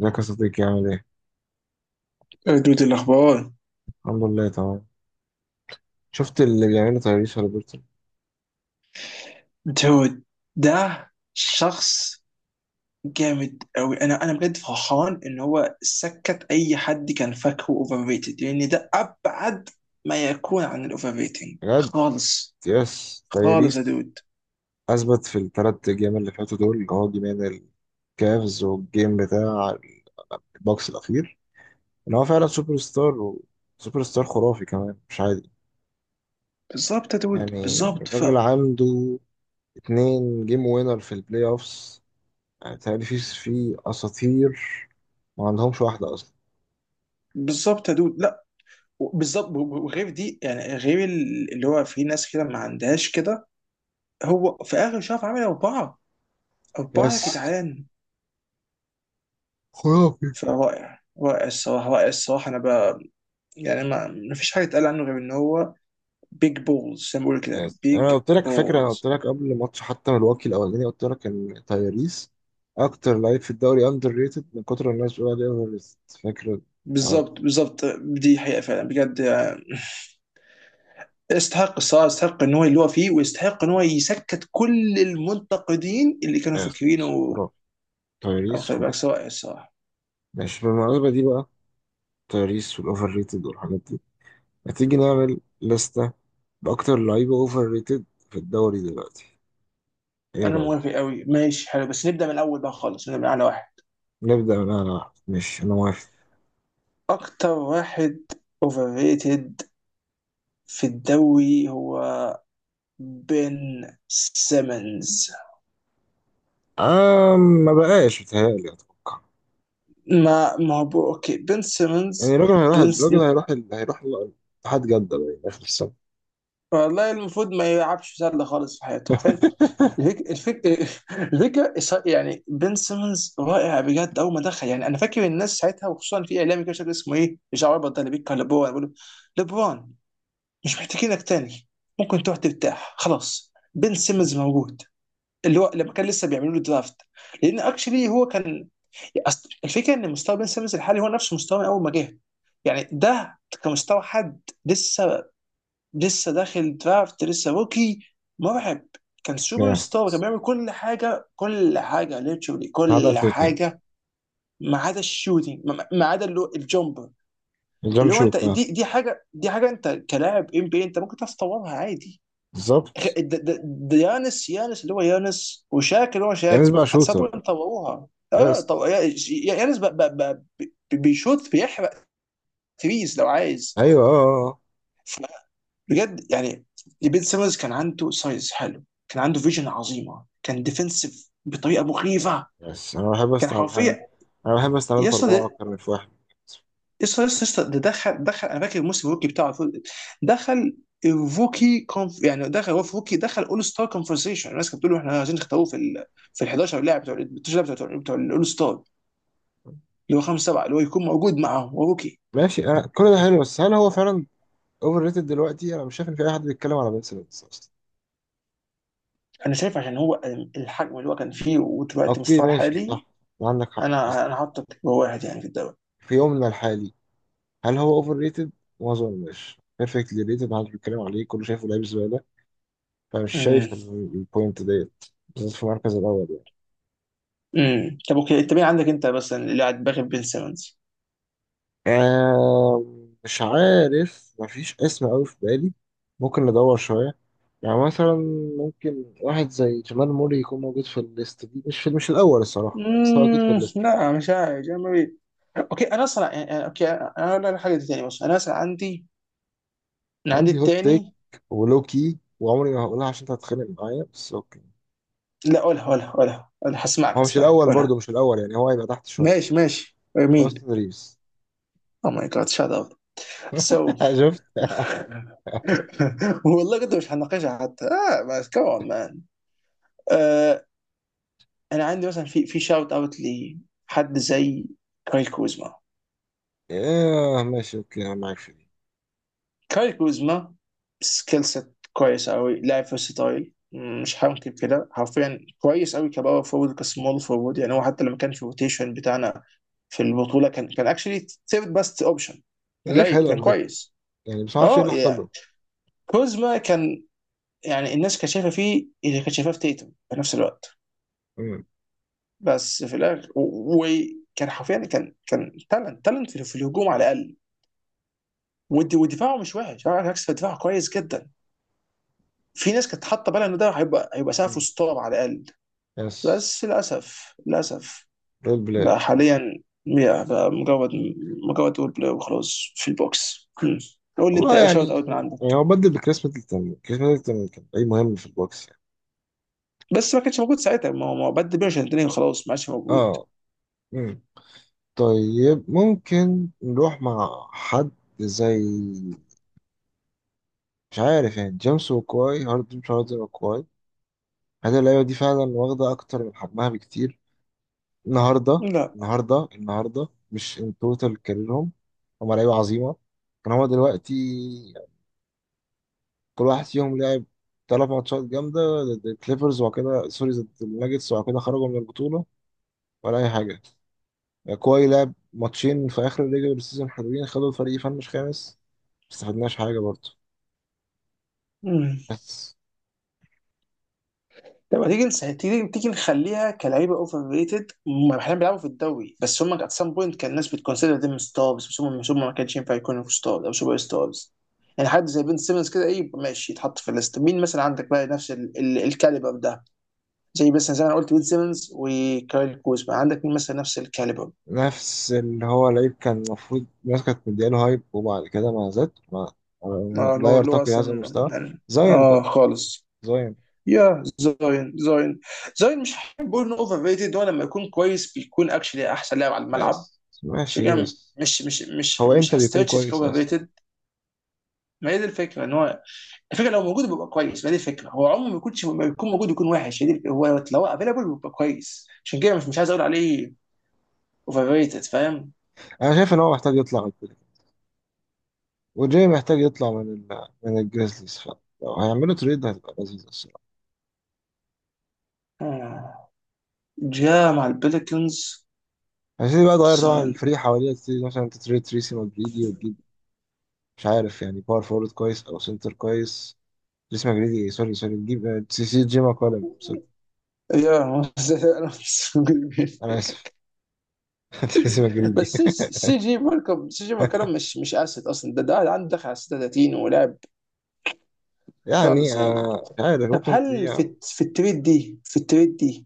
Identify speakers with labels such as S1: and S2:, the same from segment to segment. S1: ازيك يا صديقي؟ عامل ايه؟
S2: يا دود، الأخبار؟
S1: الحمد لله تمام. شفت اللي بيعمله تايريس هاليبرتون؟
S2: دود ده شخص جامد أوي. أنا بجد فرحان إن هو سكت أي حد كان فاكره أوفر ريتد، لأن ده أبعد ما يكون عن الأوفر ريتنج
S1: بجد
S2: خالص.
S1: يس
S2: خالص يا
S1: تايريس
S2: دود.
S1: اثبت في الثلاث جيم اللي فاتوا، دول اللي هو جيمين الكافز والجيم بتاع البوكس الاخير، ان هو فعلا سوبر ستار، وسوبر ستار خرافي كمان مش عادي.
S2: بالظبط يا دود،
S1: يعني
S2: بالظبط.
S1: الراجل عنده اتنين جيم وينر في البلاي اوفس. يعني تايريس في اساطير ما عندهمش واحده اصلا.
S2: بالظبط يا دود، لا بالظبط. وغير دي يعني غير اللي هو في ناس كده ما عندهاش كده. هو في آخر شهر عامل أربعة، أربعة يا
S1: يس
S2: جدعان.
S1: خرافي.
S2: رائع الصراحة، رائع الصراحة. أنا يعني ما فيش حاجه اتقال عنه غير ان هو بيج بولز، زي ما بيقولوا كده،
S1: يس. انا
S2: بيج
S1: قلت لك، فاكر؟ انا قلت
S2: بولز.
S1: لك قبل ماتش حتى ملواكي الاولاني، قلت لك ان تايريس اكتر لعيب في الدوري اندر ريتد من كتر الناس بتقول عليه اوفر ريتد. فاكر الحوار ده؟
S2: بالظبط بالظبط. دي حقيقه فعلا بجد يعني. يستحق الصراحه، يستحق ان هو اللي هو فيه، ويستحق ان هو يسكت كل المنتقدين اللي كانوا
S1: يس.
S2: فاكرينه.
S1: خرافي.
S2: أبو
S1: تايريس
S2: طيب بقى
S1: خرافي.
S2: سواء الصراحه.
S1: ماشي، بالمناسبة دي بقى، تايريس والاوفر ريتد والحاجات دي، هتيجي نعمل لستة باكتر لعيبة اوفر ريتد في الدوري دلوقتي؟ ايه
S2: انا
S1: رأيك؟
S2: موافق قوي، ماشي حلو، بس نبدا من الاول بقى خالص، نبدا من اعلى واحد.
S1: نبدأ من انا واحد، ماشي انا موافق.
S2: اكتر واحد اوفر ريتد في الدوري هو بن سيمنز.
S1: آه ما بقاش، بتهيألي. اتوقع
S2: ما ما هو بو- اوكي، بن
S1: يعني
S2: سيمنز.
S1: الراجل هيروح
S2: بن س-
S1: الراجل هيروح هيروح اتحاد جدة بقى آخر السنة.
S2: والله المفروض ما يلعبش سله خالص في حياته حرفيا. الفك... الفك... يعني بن سيمنز رائع بجد اول ما دخل. يعني انا فاكر الناس ساعتها، وخصوصا في اعلامي كده مش فاكر اسمه ايه، مش عارف، ده اللي بيتكلم لبرون بيقول له، لبرون مش محتاجينك تاني، ممكن تروح ترتاح خلاص، بن سيمنز موجود. اللي هو لما كان لسه بيعملوا له درافت، لان اكشلي هو كان. أصل الفكره ان مستوى بن سيمنز الحالي هو نفس مستوى اول ما جه، يعني ده كمستوى حد لسه، لسه داخل درافت، لسه روكي. مرعب. كان سوبر ستار، كان
S1: يس
S2: بيعمل كل حاجه، كل حاجه ليتشولي،
S1: هذا
S2: كل
S1: شوتنج.
S2: حاجه ما عدا الشوتنج، ما عدا اللي هو الجمبر.
S1: الجمب
S2: اللي هو انت،
S1: شوت، اه
S2: دي حاجه، دي حاجه انت كلاعب ام بي انت ممكن تعرف تطورها عادي. خ-
S1: بالظبط.
S2: د- د- يانس، يانس اللي هو، يانس وشاك اللي هو
S1: يعني
S2: شاك،
S1: بقى شوتر.
S2: اتصابوا طوروها. اه
S1: يس.
S2: يانس بيشوط، بيحرق تريز لو عايز.
S1: ايوه اه. اه.
S2: ف- بجد يعني بيت سيمنز كان عنده سايز حلو، كان عنده فيجن عظيمه، كان ديفنسيف بطريقه مخيفه.
S1: آه. يس انا بحب
S2: كان
S1: استعمل حاجة.
S2: حرفيا
S1: انا بحب استعمله في اربعة
S2: يسطا
S1: اكتر من في واحد.
S2: يسطا يسطا ده دخل، دخل. انا فاكر الموسم الروكي بتاعه، دخل الروكي كونف، يعني دخل هو في روكي، دخل اول ستار كونفرسيشن. الناس كانت بتقول له احنا عايزين نختاروه في ال 11 لاعب، بتوع ال 12 لاعب بتوع بتوع الاول ستار، اللي هو خمسه سبعه اللي هو يكون موجود معاهم، هو روكي.
S1: ماشي انا كل ده حلو، بس هل هو فعلا اوفر ريتد دلوقتي؟ انا مش شايف ان في اي حد بيتكلم على بنسلنس اصلا.
S2: انا شايف عشان هو الحجم اللي هو كان فيه ودلوقتي
S1: اوكي
S2: مستواه
S1: ماشي
S2: الحالي.
S1: صح، عندك حق، بس
S2: انا حاطط واحد يعني في الدوري.
S1: في يومنا الحالي هل هو اوفر ريتد؟ ما اظنش، بيرفكتلي ريتد، محدش بيتكلم عليه، كله شايفه لعيب زباله. فمش
S2: امم
S1: شايف إن البوينت ديت بالذات في المركز الاول.
S2: طب اوكي انت مين عندك، انت بس اللي قاعد باغي بين سيمونز؟
S1: آه مش عارف، مفيش اسم أوي في بالي. ممكن ندور شوية. يعني مثلا ممكن واحد زي جمال موري يكون موجود في الليست دي، مش في، مش الأول الصراحة، بس هو أكيد في الليست.
S2: لا مش عارف يعني ما بي- اوكي، انا اصلا يعني، يعني اوكي انا اقول لك حاجه تاني، بص انا اصلا عندي، انا عندي
S1: عندي هوت تيك
S2: التاني.
S1: ولوكي، وعمري ما هقولها عشان أنت هتتخانق معايا، بس أوكي.
S2: لا قولها، قولها، قولها، انا هسمعك،
S1: هو مش
S2: هسمعك،
S1: الأول، برضه
S2: قولها.
S1: مش الأول، يعني هو هيبقى تحت شوية.
S2: ماشي ماشي،
S1: أوستن
S2: مين؟
S1: ريفز.
S2: او ماي جاد، شات اب. سو
S1: شفت؟
S2: والله كنت مش هناقشها حتى، اه بس كمان مان. آه انا عندي مثلا في شاوت اوت لحد زي كاري كوزما.
S1: آه ماشي، أوكي أنا معاك في دي.
S2: كاي كوزما سكيل سيت كويس قوي، لاعب فيرساتايل، مش هنكر كده، حرفيا كويس قوي كباور فورورد كسمول فورورد. يعني هو حتى لما كان في الروتيشن بتاعنا في البطوله كان اكشلي ثيرد باست اوبشن. كان
S1: لعيب
S2: لعيب،
S1: حلو
S2: كان
S1: على فكرة،
S2: كويس.
S1: يعني بس معرفش إيه
S2: اه
S1: اللي حصل
S2: يعني
S1: له.
S2: كوزما كان، يعني الناس كانت شايفه فيه اللي كانت شايفاه في تيتم في نفس الوقت.
S1: مم.
S2: بس في الاخر وكان حرفيا، كان تالنت، تالنت في في الهجوم على الاقل. ودفاعه مش وحش، على العكس دفاعه كويس جدا. في ناس كانت حاطه بالها ان ده هيبقى سقفه
S1: مم.
S2: ستار على الاقل.
S1: يس
S2: بس للاسف، للاسف،
S1: رول
S2: بقى
S1: بلاير.
S2: حاليا بقى مجرد، مجرد رول بلاي وخلاص في البوكس. هم. قول لي انت
S1: والله
S2: ايه
S1: يعني،
S2: شوت اوت من
S1: يعني
S2: عندك.
S1: هو بدل بكريس ميدلتون كريس ميدلتون كان أي مهم في البوكس يعني.
S2: بس ما كانش موجود ساعتها، ما هو ما هو بد بيرش، خلاص ما عادش موجود.
S1: اه. امم. طيب ممكن نروح مع حد زي، مش عارف يعني، جيمس وكواي، هاردن، مش هاردن وكواي. هذه اللعيبة دي فعلا واخدة أكتر من حجمها بكتير النهاردة.
S2: لا.
S1: النهاردة مش ان توتال كاريرهم هما لعيبة عظيمة. كان هما دلوقتي كل واحد فيهم لعب تلات ماتشات جامدة ضد الكليبرز، وبعد كده سوري ضد الناجتس، وبعد كده خرجوا من البطولة، ولا أي حاجة. يعني كواي لعب ماتشين في اخر الريجولار سيزون حلوين، خدوا الفريق يفنش خامس، ما استفدناش حاجه برضه.
S2: هم.
S1: بس
S2: طب ما تيجي تيجي نخليها كلعيبه اوفر ريتد، هم احيانا بيلعبوا في الدوري، بس هم ات سام بوينت كان الناس بتكونسيدر ديم ستارز، بس هم مش، هم ما كانش ينفع يكونوا في ستارز او سوبر ستارز. يعني حد زي بن سيمنز كده، ايه ماشي يتحط في الليست. مين مثلا عندك بقى نفس الكاليبر ده، زي مثلا زي ما انا قلت بن سيمنز وكايل كوزما؟ عندك مين مثلا نفس الكاليبر؟
S1: نفس اللي هو لعيب كان المفروض الناس كانت مدياله هايب، وبعد كده ما زاد،
S2: اه اللي
S1: لا
S2: هو، اللي هو
S1: يرتقي لهذا
S2: اصلا
S1: المستوى.
S2: يعني
S1: زاين
S2: اه
S1: طبعا.
S2: خالص.
S1: زاين.
S2: يا زاين، زاين. زاين مش هحب اقول انه اوفر ريتد، هو لما يكون كويس بيكون اكشلي احسن لاعب على الملعب.
S1: يس ماشي،
S2: شجاع.
S1: بس
S2: مش مش مش
S1: هو
S2: مش
S1: امتى بيكون
S2: هستريتش
S1: كويس
S2: تكون
S1: اصلا؟
S2: ريتد. ما هي دي الفكره ان هو، الفكره لو موجود بيبقى كويس، ما هي دي الفكره، هو عمره ما يكونش، ما يكون موجود يكون وحش، هي دي هو لو افيلبل بيبقى كويس، عشان كده مش عايز اقول عليه اوفر ريتد، فاهم.
S1: انا شايف ان هو محتاج يطلع من كده، وجاي محتاج يطلع من من الجريزليز، فلو هيعملوا تريد هتبقى لذيذة الصراحة.
S2: آه. جاء مع البليكنز.
S1: هتبتدي بقى تغير طبعا الفريق حواليها، تبتدي مثلا تتريد تريسي مدريدي وتجيب، مش عارف يعني، باور فورورد كويس او سنتر كويس. تريسي مجريدي، سوري سوري، تجيب سي جي ماكولم، سوري.
S2: يا
S1: انا اسف. تريسي مجريدي.
S2: بس سي جي مالكم، سي جي مالكم مش اسد اصلا، ده عنده دخل على 36 ولاعب
S1: يعني
S2: خالص يعني.
S1: آه، مش عارف،
S2: طب
S1: ممكن
S2: هل في
S1: تبيع.
S2: في التريد دي، في التريد دي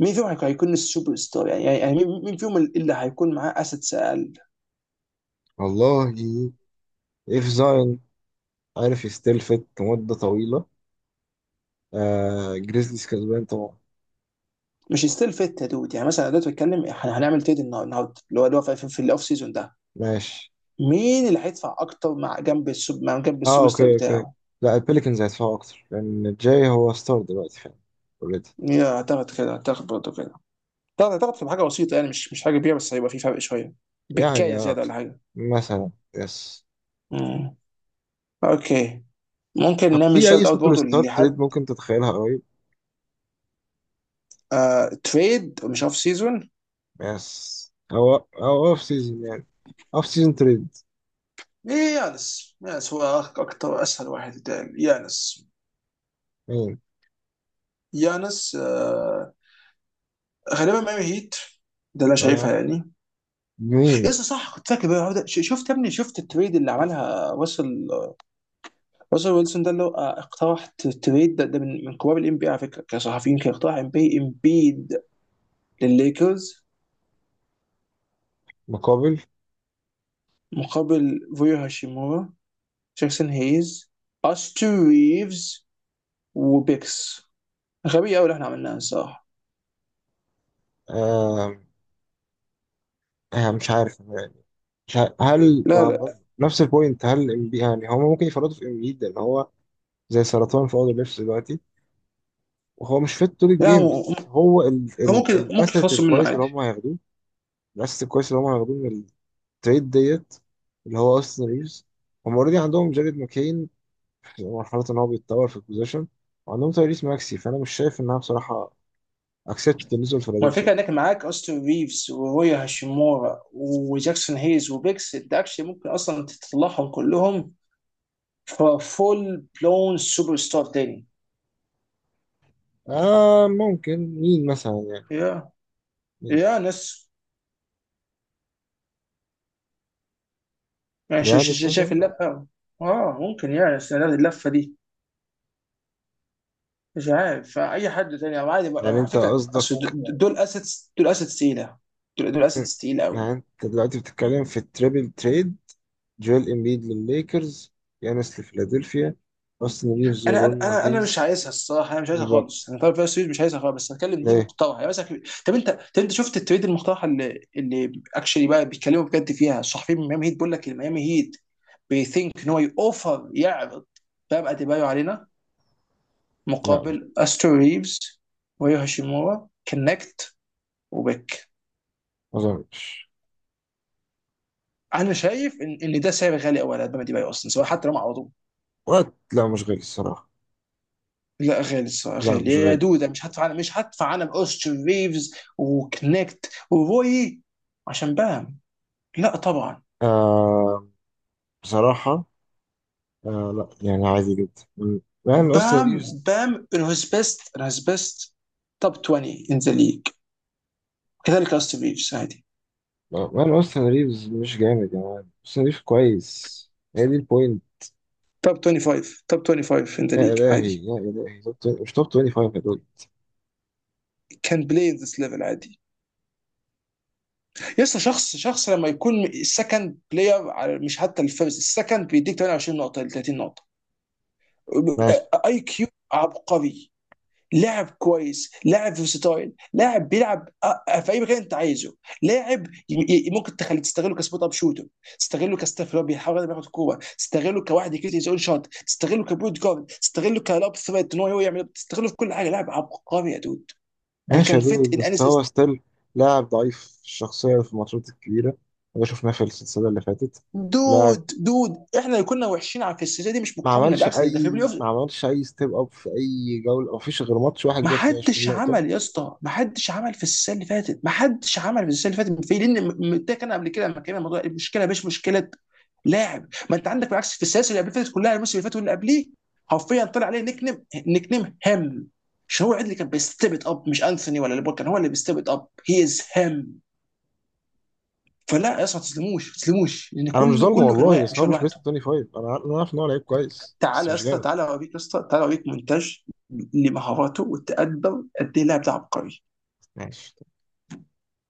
S2: مين فيهم هيكون السوبر ستار؟ يعني يعني يعني مين، مين فيهم اللي هيكون معاه اسيتس اقل؟
S1: والله اف زاين، عارف يستلفت لمدة طويلة. آه جريزليز كسبان طبعا.
S2: مش ستيل فيت يا دود. يعني مثلا أنا دلوقتي بتكلم إحنا هنعمل تريد النهارده، اللي هو اللي هو في الاوف سيزون ده،
S1: ماشي.
S2: مين اللي هيدفع اكتر مع جنب السوب، مع جنب
S1: اه
S2: السوبر ستار
S1: اوكي اوكي.
S2: بتاعه؟
S1: لا البليكنز هيدفعوا اكتر، لان جاي هو ستار دلوقتي فعلا، اوريدي.
S2: يا اعتقد كده، اعتقد برضه كده. اعتقد في حاجه بسيطه يعني مش مش حاجه كبيره، بس هيبقى في فرق شويه، بكايه
S1: يعني آه،
S2: زياده ولا حاجه.
S1: مثلا يس.
S2: مم. اوكي. ممكن
S1: طب
S2: نعمل
S1: في اي
S2: شوت اوت
S1: سوبر
S2: برضه
S1: ستار تريد
S2: لحد.
S1: ممكن تتخيلها قريب؟
S2: آه، تريد مش اوف سيزون.
S1: يس، او او اوف سيزون يعني، اوف سيزون تريد.
S2: إيه، يانس، يانس هو اكتر اسهل واحد يتقال، يانس.
S1: مين؟
S2: يانس، آه، غالبا ميامي هيت، ده اللي انا شايفها
S1: اه
S2: يعني.
S1: مين؟
S2: يس صح كنت فاكر بقى ده. شفت يا ابني شفت التريد اللي عملها وصل، وصل ويلسون، ده اللي هو آه، اقترح تريد ده، من من كبار الام بي على فكره كصحفيين، كان اقترح ام بي، امبيد للليكرز
S1: مقابل؟
S2: مقابل فويو هاشيمورا، جاكسون هيز، استو ريفز، وبيكس. غبية قوي اللي احنا عملناها الصراحه.
S1: آه. آه مش عارف يعني. مش عارف. هل
S2: لا
S1: ما برضه
S2: لا
S1: نفس البوينت، هل ام بي، يعني هما ممكن يفرطوا في ام بي لان هو زي سرطان في اوضه اللبس دلوقتي، وهو مش فيت طول
S2: لا
S1: الجيم؟
S2: هو
S1: بس هو ال
S2: هو
S1: ال
S2: ممكن، ممكن
S1: الاسيت
S2: يخلصوا منه
S1: الكويس اللي
S2: عادي.
S1: هم هياخدوه، الاسيت الكويس اللي هم هياخدوه من التريد ديت اللي هو اوستن ريفز، هم اوريدي عندهم جاريد ماكين مرحلة إن هو بيتطور في البوزيشن، وعندهم تايريس ماكسي، فأنا مش شايف إنها بصراحة أكسبت بالنسبة
S2: ما الفكره
S1: لفيلادلفيا.
S2: انك معاك اوستن ريفز ورويا هاشيمورا وجاكسون هيز وبيكس، انت اكشلي ممكن اصلا تطلعهم كلهم ففول بلون سوبر ستار تاني.
S1: آه ممكن، مين مثلا يعني؟
S2: يا،
S1: مين؟
S2: يا ناس. يعني
S1: يانس
S2: شايف
S1: مثلا؟
S2: اللفه. اه ممكن يا ناس، يعني بس أنا اللفه دي مش عارف فاي حد تاني او عادي
S1: يعني
S2: على
S1: أنت
S2: فكره أصل
S1: قصدك،
S2: دول اسيتس، دول اسيتس تقيله. دول اسيتس تقيله.
S1: يعني أنت دلوقتي بتتكلم في التريبل تريد، جويل إمبيد للليكرز، يانس لفيلادلفيا، أوستن ريفز
S2: انا انا
S1: وروني
S2: انا أنا مش
S1: وهيز
S2: عايزها الصراحه، انا مش عايزها
S1: للباكس؟
S2: خالص، انا طالب فيها سيريز، مش عايزها خالص، بس هتكلم دي
S1: ليه؟
S2: مقترحه يعني مثلا. طب انت، طب انت شفت التريد المقترحه اللي اكشلي بقى بيتكلموا بجد فيها الصحفيين من ميامي هيت؟ بيقول لك الميامي هيت بيثينك ان هو يوفر، يعرض بام اديبايو علينا
S1: لا
S2: مقابل
S1: مش.
S2: استرو ريفز، ويو هاشيمورا كنكت، وبيك.
S1: ما أظنش.
S2: انا شايف ان ده سعر غالي قوي على بام اديبايو اصلا، سواء حتى لو ما عرضوه.
S1: وقت؟ لا مش غالي الصراحة.
S2: لا غالي الصراحه،
S1: لا
S2: غالي
S1: مش
S2: يا
S1: غالي.
S2: دودة. مش هدفع على، مش هدفع على اوستن ريفز وكنكت وروي عشان بام. لا طبعا.
S1: آه بصراحة. آه لا يعني عادي جدا. م- مان أوستن
S2: بام،
S1: ريفز.
S2: بام in his best, in his best top 20 in the league. كذلك اوستن ريفز عادي.
S1: مان أوستن ريفز مش جامد، يا مان أوستن ريفز كويس. هي دي البوينت.
S2: توب 25، توب 25 ان ذا
S1: يا
S2: ليج
S1: إلهي
S2: عادي.
S1: يا إلهي، توب 20 مش توب 25 يا دول.
S2: كان بلاي ذس ليفل عادي. يسطا، شخص، شخص لما يكون السكند بلاير، على مش حتى الفيرست، السكند، بيديك 28 نقطه ل 30 نقطه.
S1: ماشي
S2: اي كيو عبقري. لاعب كويس، لاعب فيرساتايل، لاعب بيلعب آه، آه، في اي مكان انت عايزه. لاعب ممكن تخلي، تستغله كسبوت اب شوتر، تستغله كستاف اللي هو بيحاول ياخد كوره، تستغله كواحد يكيت يزول شوت، تستغله كبوت جارد، تستغله كلاب ثريت ان هو يعمل، تستغله في كل حاجه. لاعب عبقري يا دود. انا
S1: ماشي
S2: كان
S1: يا دول،
S2: فيت ان
S1: بس هو
S2: انسس.
S1: ستيل لاعب ضعيف الشخصية في الماتشات الكبيرة، وده شفناه في السلسلة اللي فاتت. لاعب
S2: دود، دود احنا كنا وحشين على، في السلسله دي، مش مقارنه، بالعكس ده في بلاي اوف.
S1: ما عملش أي ستيب أب في أي جولة، ما فيش غير ماتش واحد
S2: ما
S1: جاب فيه 20
S2: حدش
S1: نقطة.
S2: عمل يا اسطى، ما حدش عمل في السنه اللي فاتت، ما حدش عمل في السنه اللي فاتت في، لان ده كان قبل كده لما كان الموضوع، المشكله مش مشكله لاعب. ما انت عندك بالعكس في السلاسل اللي قبل فاتت كلها، الموسم اللي فات واللي قبليه، حرفيا طلع عليه نيك نيم، نيك نيم هم. مش هو عدل اللي كان بيستيب إت اب؟ مش انثوني ولا ليبر، كان هو اللي بيستيب إت اب. هي از هم. فلا يا اسطى، ما تسلموش، ما تسلموش، لان
S1: أنا مش
S2: كله
S1: ظالمه
S2: كله كان
S1: والله،
S2: واقع،
S1: بس
S2: مش
S1: هو
S2: هو
S1: مش
S2: لوحده.
S1: بيست 25. أنا عارف إن هو لعيب كويس بس
S2: تعالى يا
S1: مش
S2: اسطى،
S1: جامد.
S2: تعالى اوريك يا اسطى، تعالى اوريك مونتاج لمهاراته والتقدم قد ايه اللاعب ده عبقري.
S1: ماشي.